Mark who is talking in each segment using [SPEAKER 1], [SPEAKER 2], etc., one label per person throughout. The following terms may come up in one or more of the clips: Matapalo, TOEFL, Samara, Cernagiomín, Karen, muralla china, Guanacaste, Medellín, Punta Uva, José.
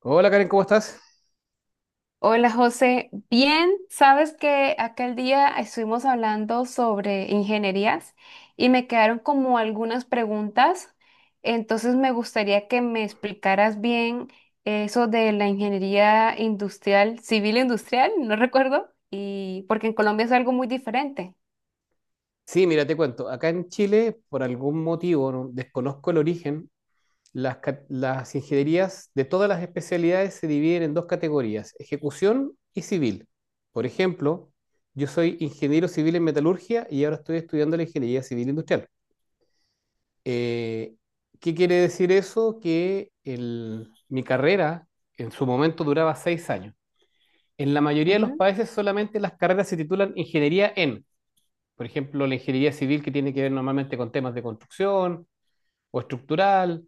[SPEAKER 1] Hola Karen, ¿cómo estás?
[SPEAKER 2] Hola José, bien, sabes que aquel día estuvimos hablando sobre ingenierías y me quedaron como algunas preguntas, entonces me gustaría que me explicaras bien eso de la ingeniería industrial, civil industrial, no recuerdo, y porque en Colombia es algo muy diferente.
[SPEAKER 1] Sí, mira, te cuento. Acá en Chile, por algún motivo, desconozco el origen, las ingenierías de todas las especialidades se dividen en dos categorías, ejecución y civil. Por ejemplo, yo soy ingeniero civil en metalurgia y ahora estoy estudiando la ingeniería civil industrial. Eh, ¿qué quiere decir eso? Que mi carrera en su momento duraba 6 años. En la mayoría de los
[SPEAKER 2] Ujú,
[SPEAKER 1] países solamente las carreras se titulan ingeniería en. Por ejemplo, la ingeniería civil que tiene que ver normalmente con temas de construcción o estructural,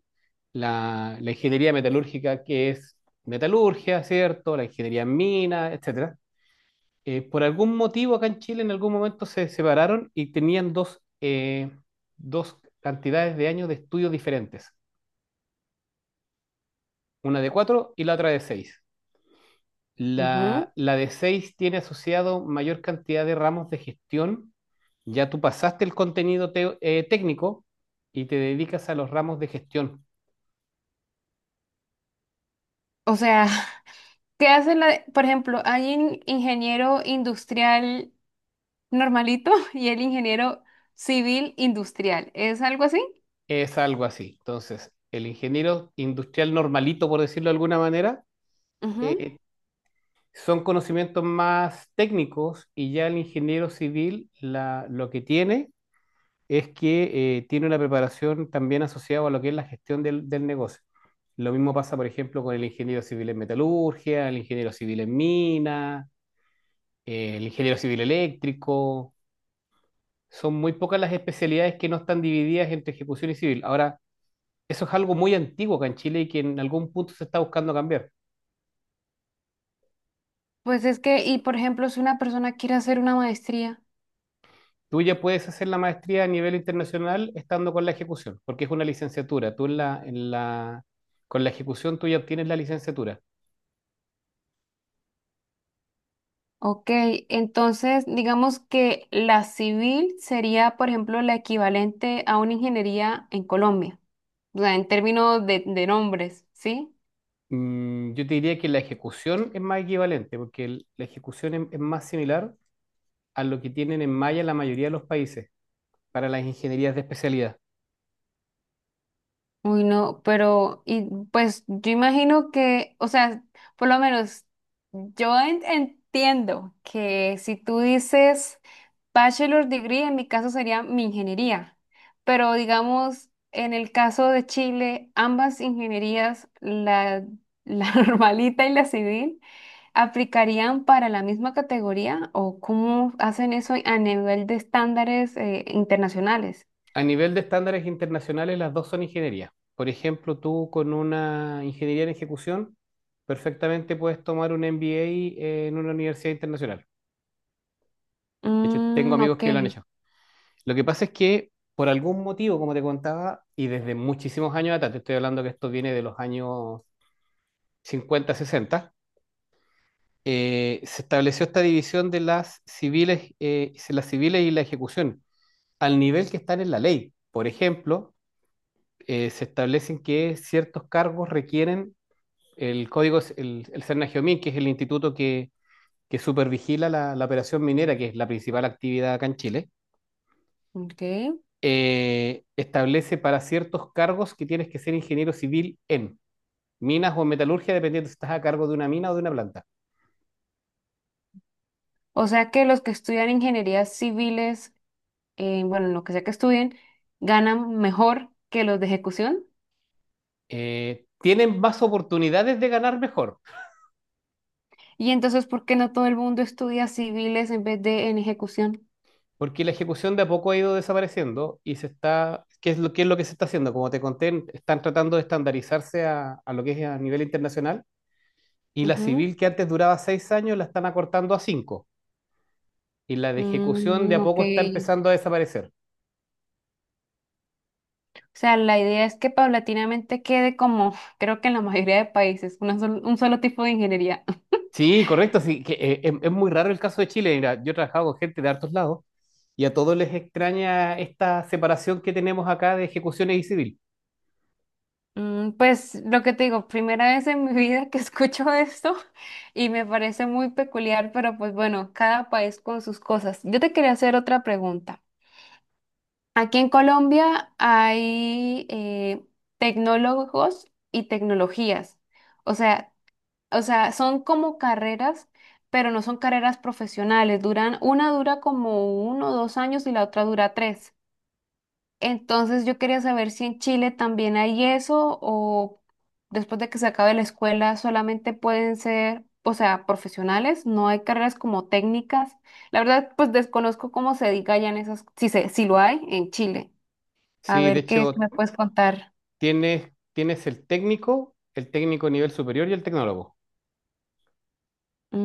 [SPEAKER 1] la ingeniería metalúrgica que es metalurgia, ¿cierto? La ingeniería en mina, etcétera. Por algún motivo acá en Chile en algún momento se separaron y tenían dos cantidades de años de estudios diferentes, una de cuatro y la otra de seis.
[SPEAKER 2] ujú.
[SPEAKER 1] La de 6 tiene asociado mayor cantidad de ramos de gestión. Ya tú pasaste el contenido técnico y te dedicas a los ramos de gestión.
[SPEAKER 2] O sea, ¿qué hace la, por ejemplo, hay un ingeniero industrial normalito y el ingeniero civil industrial, es algo así?
[SPEAKER 1] Es algo así. Entonces, el ingeniero industrial normalito, por decirlo de alguna manera,
[SPEAKER 2] Ujú.
[SPEAKER 1] eh, son conocimientos más técnicos y ya el ingeniero civil lo que tiene es que tiene una preparación también asociada a lo que es la gestión del negocio. Lo mismo pasa, por ejemplo, con el ingeniero civil en metalurgia, el ingeniero civil en mina, el ingeniero civil eléctrico. Son muy pocas las especialidades que no están divididas entre ejecución y civil. Ahora, eso es algo muy antiguo acá en Chile y que en algún punto se está buscando cambiar.
[SPEAKER 2] Pues es que, y por ejemplo, si una persona quiere hacer una maestría,
[SPEAKER 1] Tú ya puedes hacer la maestría a nivel internacional estando con la ejecución, porque es una licenciatura. Tú con la ejecución tú ya obtienes la licenciatura.
[SPEAKER 2] ok, entonces digamos que la civil sería, por ejemplo, la equivalente a una ingeniería en Colombia, o sea, en términos de nombres, ¿sí?
[SPEAKER 1] Yo te diría que la ejecución es más equivalente, porque la ejecución es más similar a lo que tienen en Maya la mayoría de los países para las ingenierías de especialidad.
[SPEAKER 2] Uy, no, pero, y pues yo imagino que, o sea, por lo menos yo entiendo que si tú dices... Bachelor degree en mi caso sería mi ingeniería, pero digamos, en el caso de Chile, ambas ingenierías, la normalita y la civil, ¿aplicarían para la misma categoría o cómo hacen eso a nivel de estándares internacionales?
[SPEAKER 1] A nivel de estándares internacionales, las dos son ingenierías. Por ejemplo, tú con una ingeniería en ejecución, perfectamente puedes tomar un MBA en una universidad internacional. De hecho, tengo
[SPEAKER 2] Mm,
[SPEAKER 1] amigos
[SPEAKER 2] ok,
[SPEAKER 1] que lo han hecho. Lo que pasa es que, por algún motivo, como te contaba, y desde muchísimos años atrás, te estoy hablando que esto viene de los años 50 sesenta, se estableció esta división de las civiles, las civiles y la ejecución al nivel que están en la ley. Por ejemplo, se establecen que ciertos cargos requieren el código, el Cernagiomín, que es el instituto que supervigila la operación minera, que es la principal actividad acá en Chile,
[SPEAKER 2] ok.
[SPEAKER 1] establece para ciertos cargos que tienes que ser ingeniero civil en minas o en metalurgia, dependiendo si estás a cargo de una mina o de una planta.
[SPEAKER 2] O sea que los que estudian ingenierías civiles, bueno, lo que sea que estudien, ganan mejor que los de ejecución.
[SPEAKER 1] Tienen más oportunidades de ganar mejor,
[SPEAKER 2] Y entonces, ¿por qué no todo el mundo estudia civiles en vez de en ejecución?
[SPEAKER 1] porque la ejecución de a poco ha ido desapareciendo y se está, ¿qué es lo que se está haciendo? Como te conté, están tratando de estandarizarse a lo que es a nivel internacional, y la
[SPEAKER 2] Ujú.
[SPEAKER 1] civil que antes duraba 6 años la están acortando a cinco, y la de ejecución de
[SPEAKER 2] Mm,
[SPEAKER 1] a
[SPEAKER 2] ok.
[SPEAKER 1] poco está empezando a desaparecer.
[SPEAKER 2] O sea, la idea es que paulatinamente quede como, creo que en la mayoría de países, un solo tipo de ingeniería.
[SPEAKER 1] Sí, correcto, sí, es muy raro el caso de Chile. Mira, yo he trabajado con gente de hartos lados y a todos les extraña esta separación que tenemos acá de ejecuciones y civil.
[SPEAKER 2] Mm, pues lo que te digo, primera vez en mi vida que escucho esto y me parece muy peculiar, pero pues bueno, cada país con sus cosas. Yo te quería hacer otra pregunta. Aquí en Colombia hay tecnólogos y tecnologías. O sea, O sea, son como carreras, pero no son carreras profesionales. Duran, una dura como 1 o 2 años y la otra dura 3. Entonces yo quería saber si en Chile también hay eso o después de que se acabe la escuela solamente pueden ser, o sea, profesionales, no hay carreras como técnicas. La verdad, pues desconozco cómo se diga ya en esas, si lo hay en Chile. A
[SPEAKER 1] Sí, de
[SPEAKER 2] ver qué
[SPEAKER 1] hecho,
[SPEAKER 2] me puedes contar.
[SPEAKER 1] tienes el técnico nivel superior y el tecnólogo.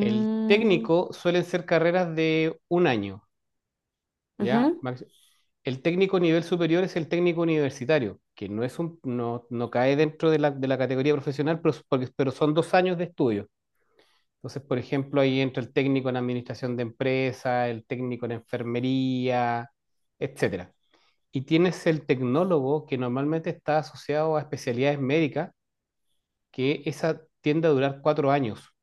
[SPEAKER 1] El técnico suelen ser carreras de un año, ¿ya?
[SPEAKER 2] ujú.
[SPEAKER 1] El técnico nivel superior es el técnico universitario, que no cae dentro de la categoría profesional, pero son 2 años de estudio. Entonces, por ejemplo, ahí entra el técnico en administración de empresa, el técnico en enfermería, etcétera. Y tienes el tecnólogo, que normalmente está asociado a especialidades médicas, que esa tiende a durar 4 años.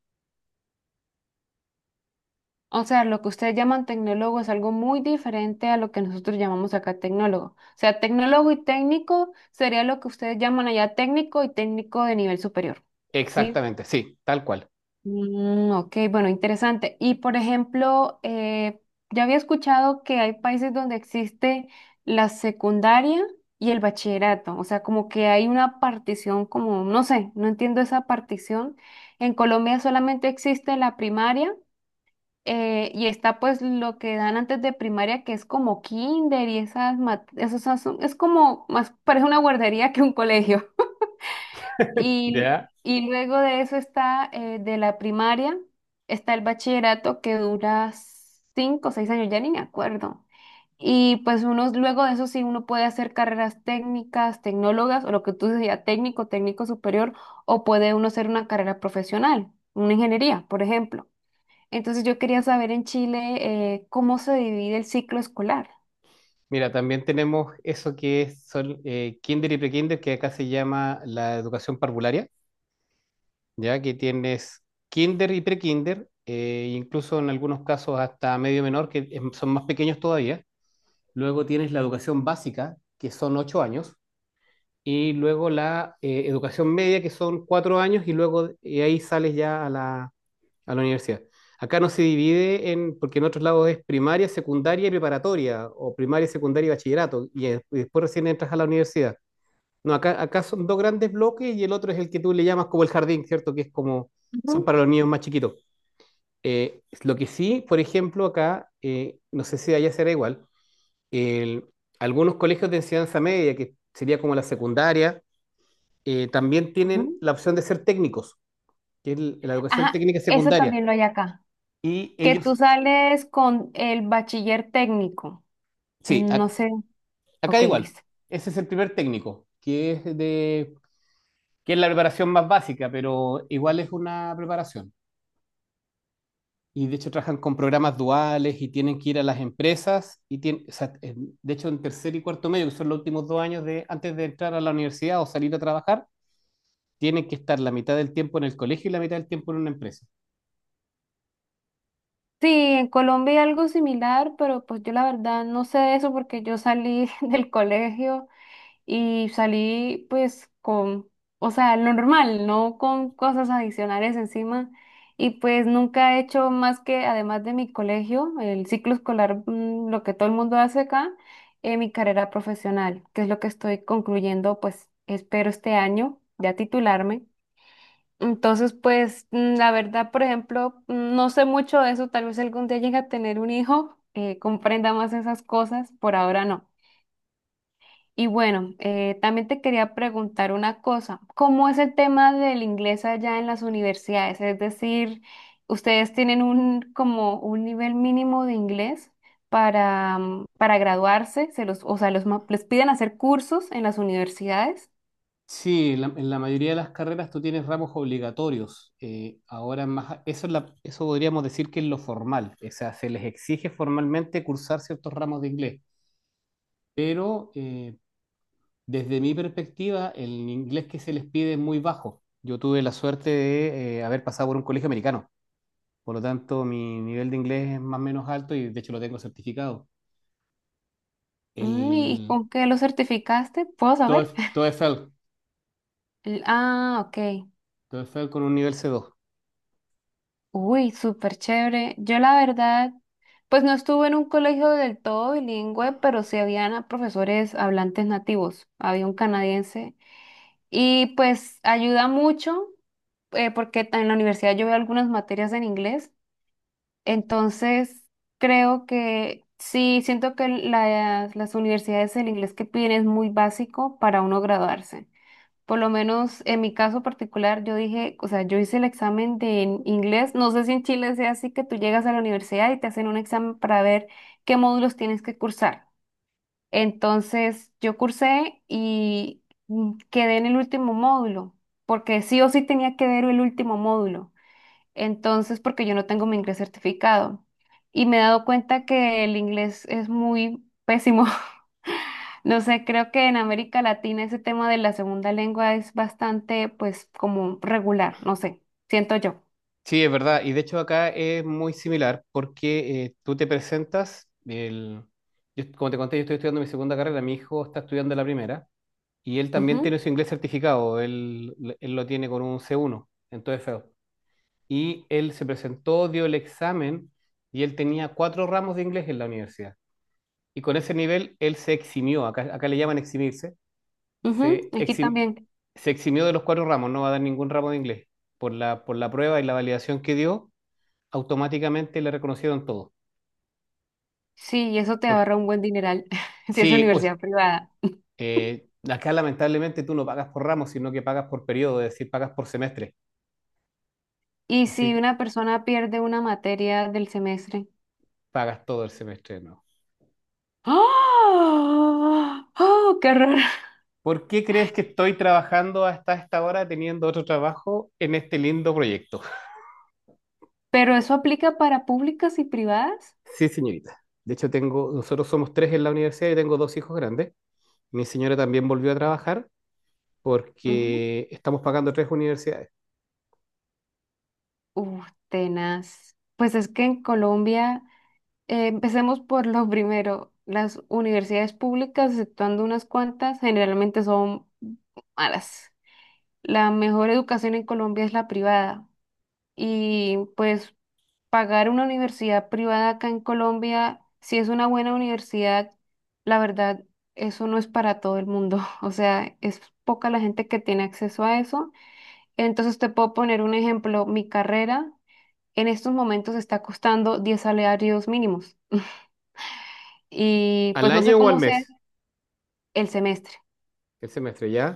[SPEAKER 2] O sea, lo que ustedes llaman tecnólogo es algo muy diferente a lo que nosotros llamamos acá tecnólogo. O sea, tecnólogo y técnico sería lo que ustedes llaman allá técnico y técnico de nivel superior. ¿Sí?
[SPEAKER 1] Exactamente, sí, tal cual.
[SPEAKER 2] Mm, ok, bueno, interesante. Y por ejemplo, ya había escuchado que hay países donde existe la secundaria y el bachillerato. O sea, como que hay una partición, como, no sé, no entiendo esa partición. En Colombia solamente existe la primaria y está pues lo que dan antes de primaria, que es como kinder y esas, es como más, parece una guardería que un colegio. Y,
[SPEAKER 1] ¿Ya?
[SPEAKER 2] luego de eso está de la primaria, está el bachillerato que dura 5 o 6 años, ya ni me acuerdo. Y pues uno, luego de eso sí, uno puede hacer carreras técnicas, tecnólogas, o lo que tú decías, técnico, técnico superior, o puede uno hacer una carrera profesional, una ingeniería, por ejemplo. Entonces yo quería saber en Chile cómo se divide el ciclo escolar.
[SPEAKER 1] Mira, también tenemos eso que son kinder y prekinder, que acá se llama la educación parvularia, ya que tienes kinder y prekinder, incluso en algunos casos hasta medio menor, que son más pequeños todavía. Luego tienes la educación básica, que son 8 años, y luego la educación media, que son 4 años, y luego de ahí sales ya a la universidad. Acá no se divide en, porque en otros lados es primaria, secundaria y preparatoria, o primaria, secundaria y bachillerato, y después recién entras a la universidad. No, acá son dos grandes bloques y el otro es el que tú le llamas como el jardín, ¿cierto? Que es como, son
[SPEAKER 2] Ujú,
[SPEAKER 1] para los niños más chiquitos. Lo que sí, por ejemplo, acá, no sé si allá será igual, el- algunos colegios de enseñanza media, que sería como la secundaria, también tienen
[SPEAKER 2] ujú.
[SPEAKER 1] la opción de ser técnicos, que es la educación
[SPEAKER 2] Ajá,
[SPEAKER 1] técnica
[SPEAKER 2] eso
[SPEAKER 1] secundaria.
[SPEAKER 2] también lo hay acá.
[SPEAKER 1] Y
[SPEAKER 2] Que
[SPEAKER 1] ellos,
[SPEAKER 2] tú sales con el bachiller técnico.
[SPEAKER 1] sí,
[SPEAKER 2] No sé.
[SPEAKER 1] acá
[SPEAKER 2] Ok,
[SPEAKER 1] igual,
[SPEAKER 2] listo.
[SPEAKER 1] ese es el primer técnico, que es la preparación más básica, pero igual es una preparación. Y de hecho trabajan con programas duales y tienen que ir a las empresas y tienen, o sea, de hecho en tercer y cuarto medio, que son los últimos 2 años antes de entrar a la universidad o salir a trabajar, tienen que estar la mitad del tiempo en el colegio y la mitad del tiempo en una empresa.
[SPEAKER 2] Sí, en Colombia hay algo similar, pero pues yo la verdad no sé de eso porque yo salí del colegio y salí pues con, o sea, lo normal, no con cosas adicionales encima. Y pues nunca he hecho más que, además de mi colegio, el ciclo escolar, lo que todo el mundo hace acá, mi carrera profesional, que es lo que estoy concluyendo, pues espero este año ya titularme. Entonces, pues la verdad, por ejemplo, no sé mucho de eso, tal vez algún día llegue a tener un hijo, comprenda más esas cosas, por ahora no. Y bueno, también te quería preguntar una cosa. ¿Cómo es el tema del inglés allá en las universidades? Es decir, ¿ustedes tienen un como un nivel mínimo de inglés para, para graduarse? ¿Se los, o sea, los, les piden hacer cursos en las universidades?
[SPEAKER 1] Sí, en la mayoría de las carreras tú tienes ramos obligatorios. Ahora más, eso podríamos decir que es lo formal. O sea, se les exige formalmente cursar ciertos ramos de inglés. Pero desde mi perspectiva, el inglés que se les pide es muy bajo. Yo tuve la suerte de haber pasado por un colegio americano. Por lo tanto, mi nivel de inglés es más o menos alto y de hecho lo tengo certificado. El
[SPEAKER 2] Mm, ¿y con qué lo certificaste? ¿Puedo saber?
[SPEAKER 1] TOEFL, TOEFL,
[SPEAKER 2] Ah, ok.
[SPEAKER 1] TOEFL con un nivel C2.
[SPEAKER 2] Uy, súper chévere. Yo la verdad, pues no estuve en un colegio del todo bilingüe, pero sí habían a profesores hablantes nativos. Había un canadiense y pues ayuda mucho porque en la universidad yo veo algunas materias en inglés. Entonces, creo que sí, siento que las universidades el inglés que piden es muy básico para uno graduarse. Por lo menos en mi caso particular, yo dije, o sea, yo hice el examen de en inglés. No sé si en Chile sea así que tú llegas a la universidad y te hacen un examen para ver qué módulos tienes que cursar. Entonces, yo cursé y quedé en el último módulo, porque sí o sí tenía que ver el último módulo. Entonces, porque yo no tengo mi inglés certificado. Y me he dado cuenta que el inglés es muy pésimo. No sé, creo que en América Latina ese tema de la segunda lengua es bastante, pues, como regular, no sé, siento yo.
[SPEAKER 1] Sí, es verdad. Y de hecho acá es muy similar porque tú te presentas, como te conté, yo estoy estudiando mi segunda carrera, mi hijo está estudiando la primera y él también tiene
[SPEAKER 2] Ujú,
[SPEAKER 1] su inglés certificado, él lo tiene con un C1 en todo feo. Y él se presentó, dio el examen y él tenía cuatro ramos de inglés en la universidad. Y con ese nivel él se eximió, acá le llaman eximirse,
[SPEAKER 2] ujú.
[SPEAKER 1] se,
[SPEAKER 2] Aquí
[SPEAKER 1] exim-
[SPEAKER 2] también.
[SPEAKER 1] se eximió de los cuatro ramos, no va a dar ningún ramo de inglés por la prueba y la validación que dio, automáticamente le reconocieron todo.
[SPEAKER 2] Sí, y eso te
[SPEAKER 1] Por,
[SPEAKER 2] ahorra un buen dineral si es
[SPEAKER 1] sí, pues,
[SPEAKER 2] universidad privada.
[SPEAKER 1] acá lamentablemente tú no pagas por ramos, sino que pagas por periodo, es decir, pagas por semestre.
[SPEAKER 2] ¿Y
[SPEAKER 1] Así
[SPEAKER 2] si
[SPEAKER 1] que
[SPEAKER 2] una persona pierde una materia del semestre?
[SPEAKER 1] pagas todo el semestre, ¿no?
[SPEAKER 2] ¡Ah! ¡Oh, qué horror!
[SPEAKER 1] ¿Por qué crees que estoy trabajando hasta esta hora teniendo otro trabajo en este lindo proyecto?
[SPEAKER 2] ¿Pero eso aplica para públicas y privadas?
[SPEAKER 1] Sí, señorita. De hecho, nosotros somos tres en la universidad y tengo dos hijos grandes. Mi señora también volvió a trabajar
[SPEAKER 2] Ujú.
[SPEAKER 1] porque estamos pagando tres universidades.
[SPEAKER 2] Uf, tenaz. Pues es que en Colombia... Empecemos por lo primero. Las universidades públicas, exceptuando unas cuantas, generalmente son malas. La mejor educación en Colombia es la privada. Y pues pagar una universidad privada acá en Colombia, si es una buena universidad, la verdad, eso no es para todo el mundo. O sea, es poca la gente que tiene acceso a eso. Entonces te puedo poner un ejemplo. Mi carrera en estos momentos está costando 10 salarios mínimos. Y
[SPEAKER 1] ¿Al
[SPEAKER 2] pues no sé
[SPEAKER 1] año o al
[SPEAKER 2] cómo sea
[SPEAKER 1] mes?
[SPEAKER 2] el semestre.
[SPEAKER 1] El semestre, ¿ya?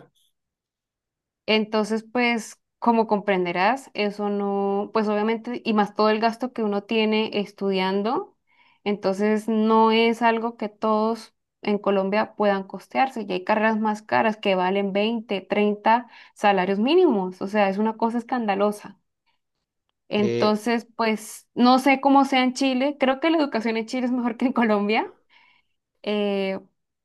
[SPEAKER 2] Entonces, pues como comprenderás, eso no, pues obviamente, y más todo el gasto que uno tiene estudiando, entonces no es algo que todos en Colombia puedan costearse. Y hay carreras más caras que valen 20, 30 salarios mínimos, o sea, es una cosa escandalosa.
[SPEAKER 1] Eh,
[SPEAKER 2] Entonces, pues no sé cómo sea en Chile, creo que la educación en Chile es mejor que en Colombia. Eh,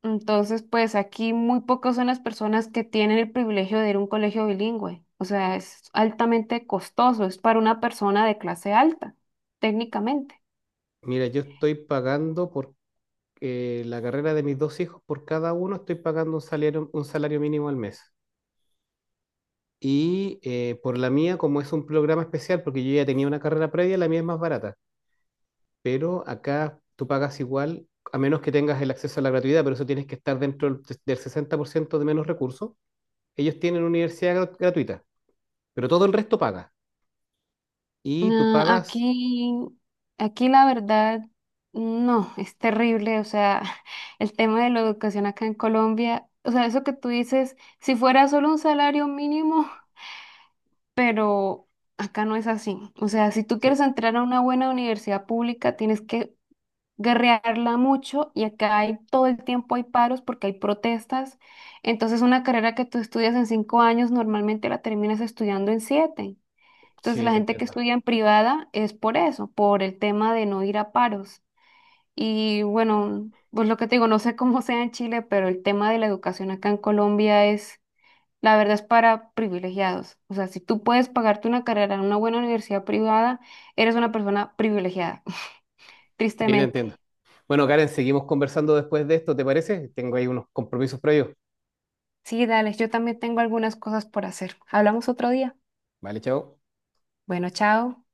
[SPEAKER 2] entonces, pues aquí muy pocas son las personas que tienen el privilegio de ir a un colegio bilingüe. O sea, es altamente costoso, es para una persona de clase alta, técnicamente.
[SPEAKER 1] Mira, yo estoy pagando por la carrera de mis dos hijos, por cada uno estoy pagando un salario mínimo al mes. Y por la mía, como es un programa especial, porque yo ya tenía una carrera previa, la mía es más barata. Pero acá tú pagas igual, a menos que tengas el acceso a la gratuidad, pero eso tienes que estar dentro del 60% de menos recursos. Ellos tienen universidad gratuita, pero todo el resto paga. Y tú
[SPEAKER 2] No,
[SPEAKER 1] pagas...
[SPEAKER 2] aquí la verdad, no, es terrible. O sea, el tema de la educación acá en Colombia, o sea, eso que tú dices, si fuera solo un salario mínimo, pero acá no es así. O sea, si tú
[SPEAKER 1] Sí,
[SPEAKER 2] quieres entrar a una buena universidad pública, tienes que guerrearla mucho y acá hay, todo el tiempo hay paros porque hay protestas. Entonces una carrera que tú estudias en 5 años normalmente la terminas estudiando en 7. Entonces
[SPEAKER 1] sí,
[SPEAKER 2] la
[SPEAKER 1] te
[SPEAKER 2] gente que
[SPEAKER 1] entiendo.
[SPEAKER 2] estudia en privada es por eso, por el tema de no ir a paros. Y bueno, pues lo que te digo, no sé cómo sea en Chile, pero el tema de la educación acá en Colombia es, la verdad es para privilegiados. O sea, si tú puedes pagarte una carrera en una buena universidad privada, eres una persona privilegiada,
[SPEAKER 1] Sí, te
[SPEAKER 2] tristemente.
[SPEAKER 1] entiendo. Bueno, Karen, seguimos conversando después de esto, ¿te parece? Tengo ahí unos compromisos previos.
[SPEAKER 2] Sí, dale, yo también tengo algunas cosas por hacer. Hablamos otro día.
[SPEAKER 1] Vale, chao.
[SPEAKER 2] Bueno, chao.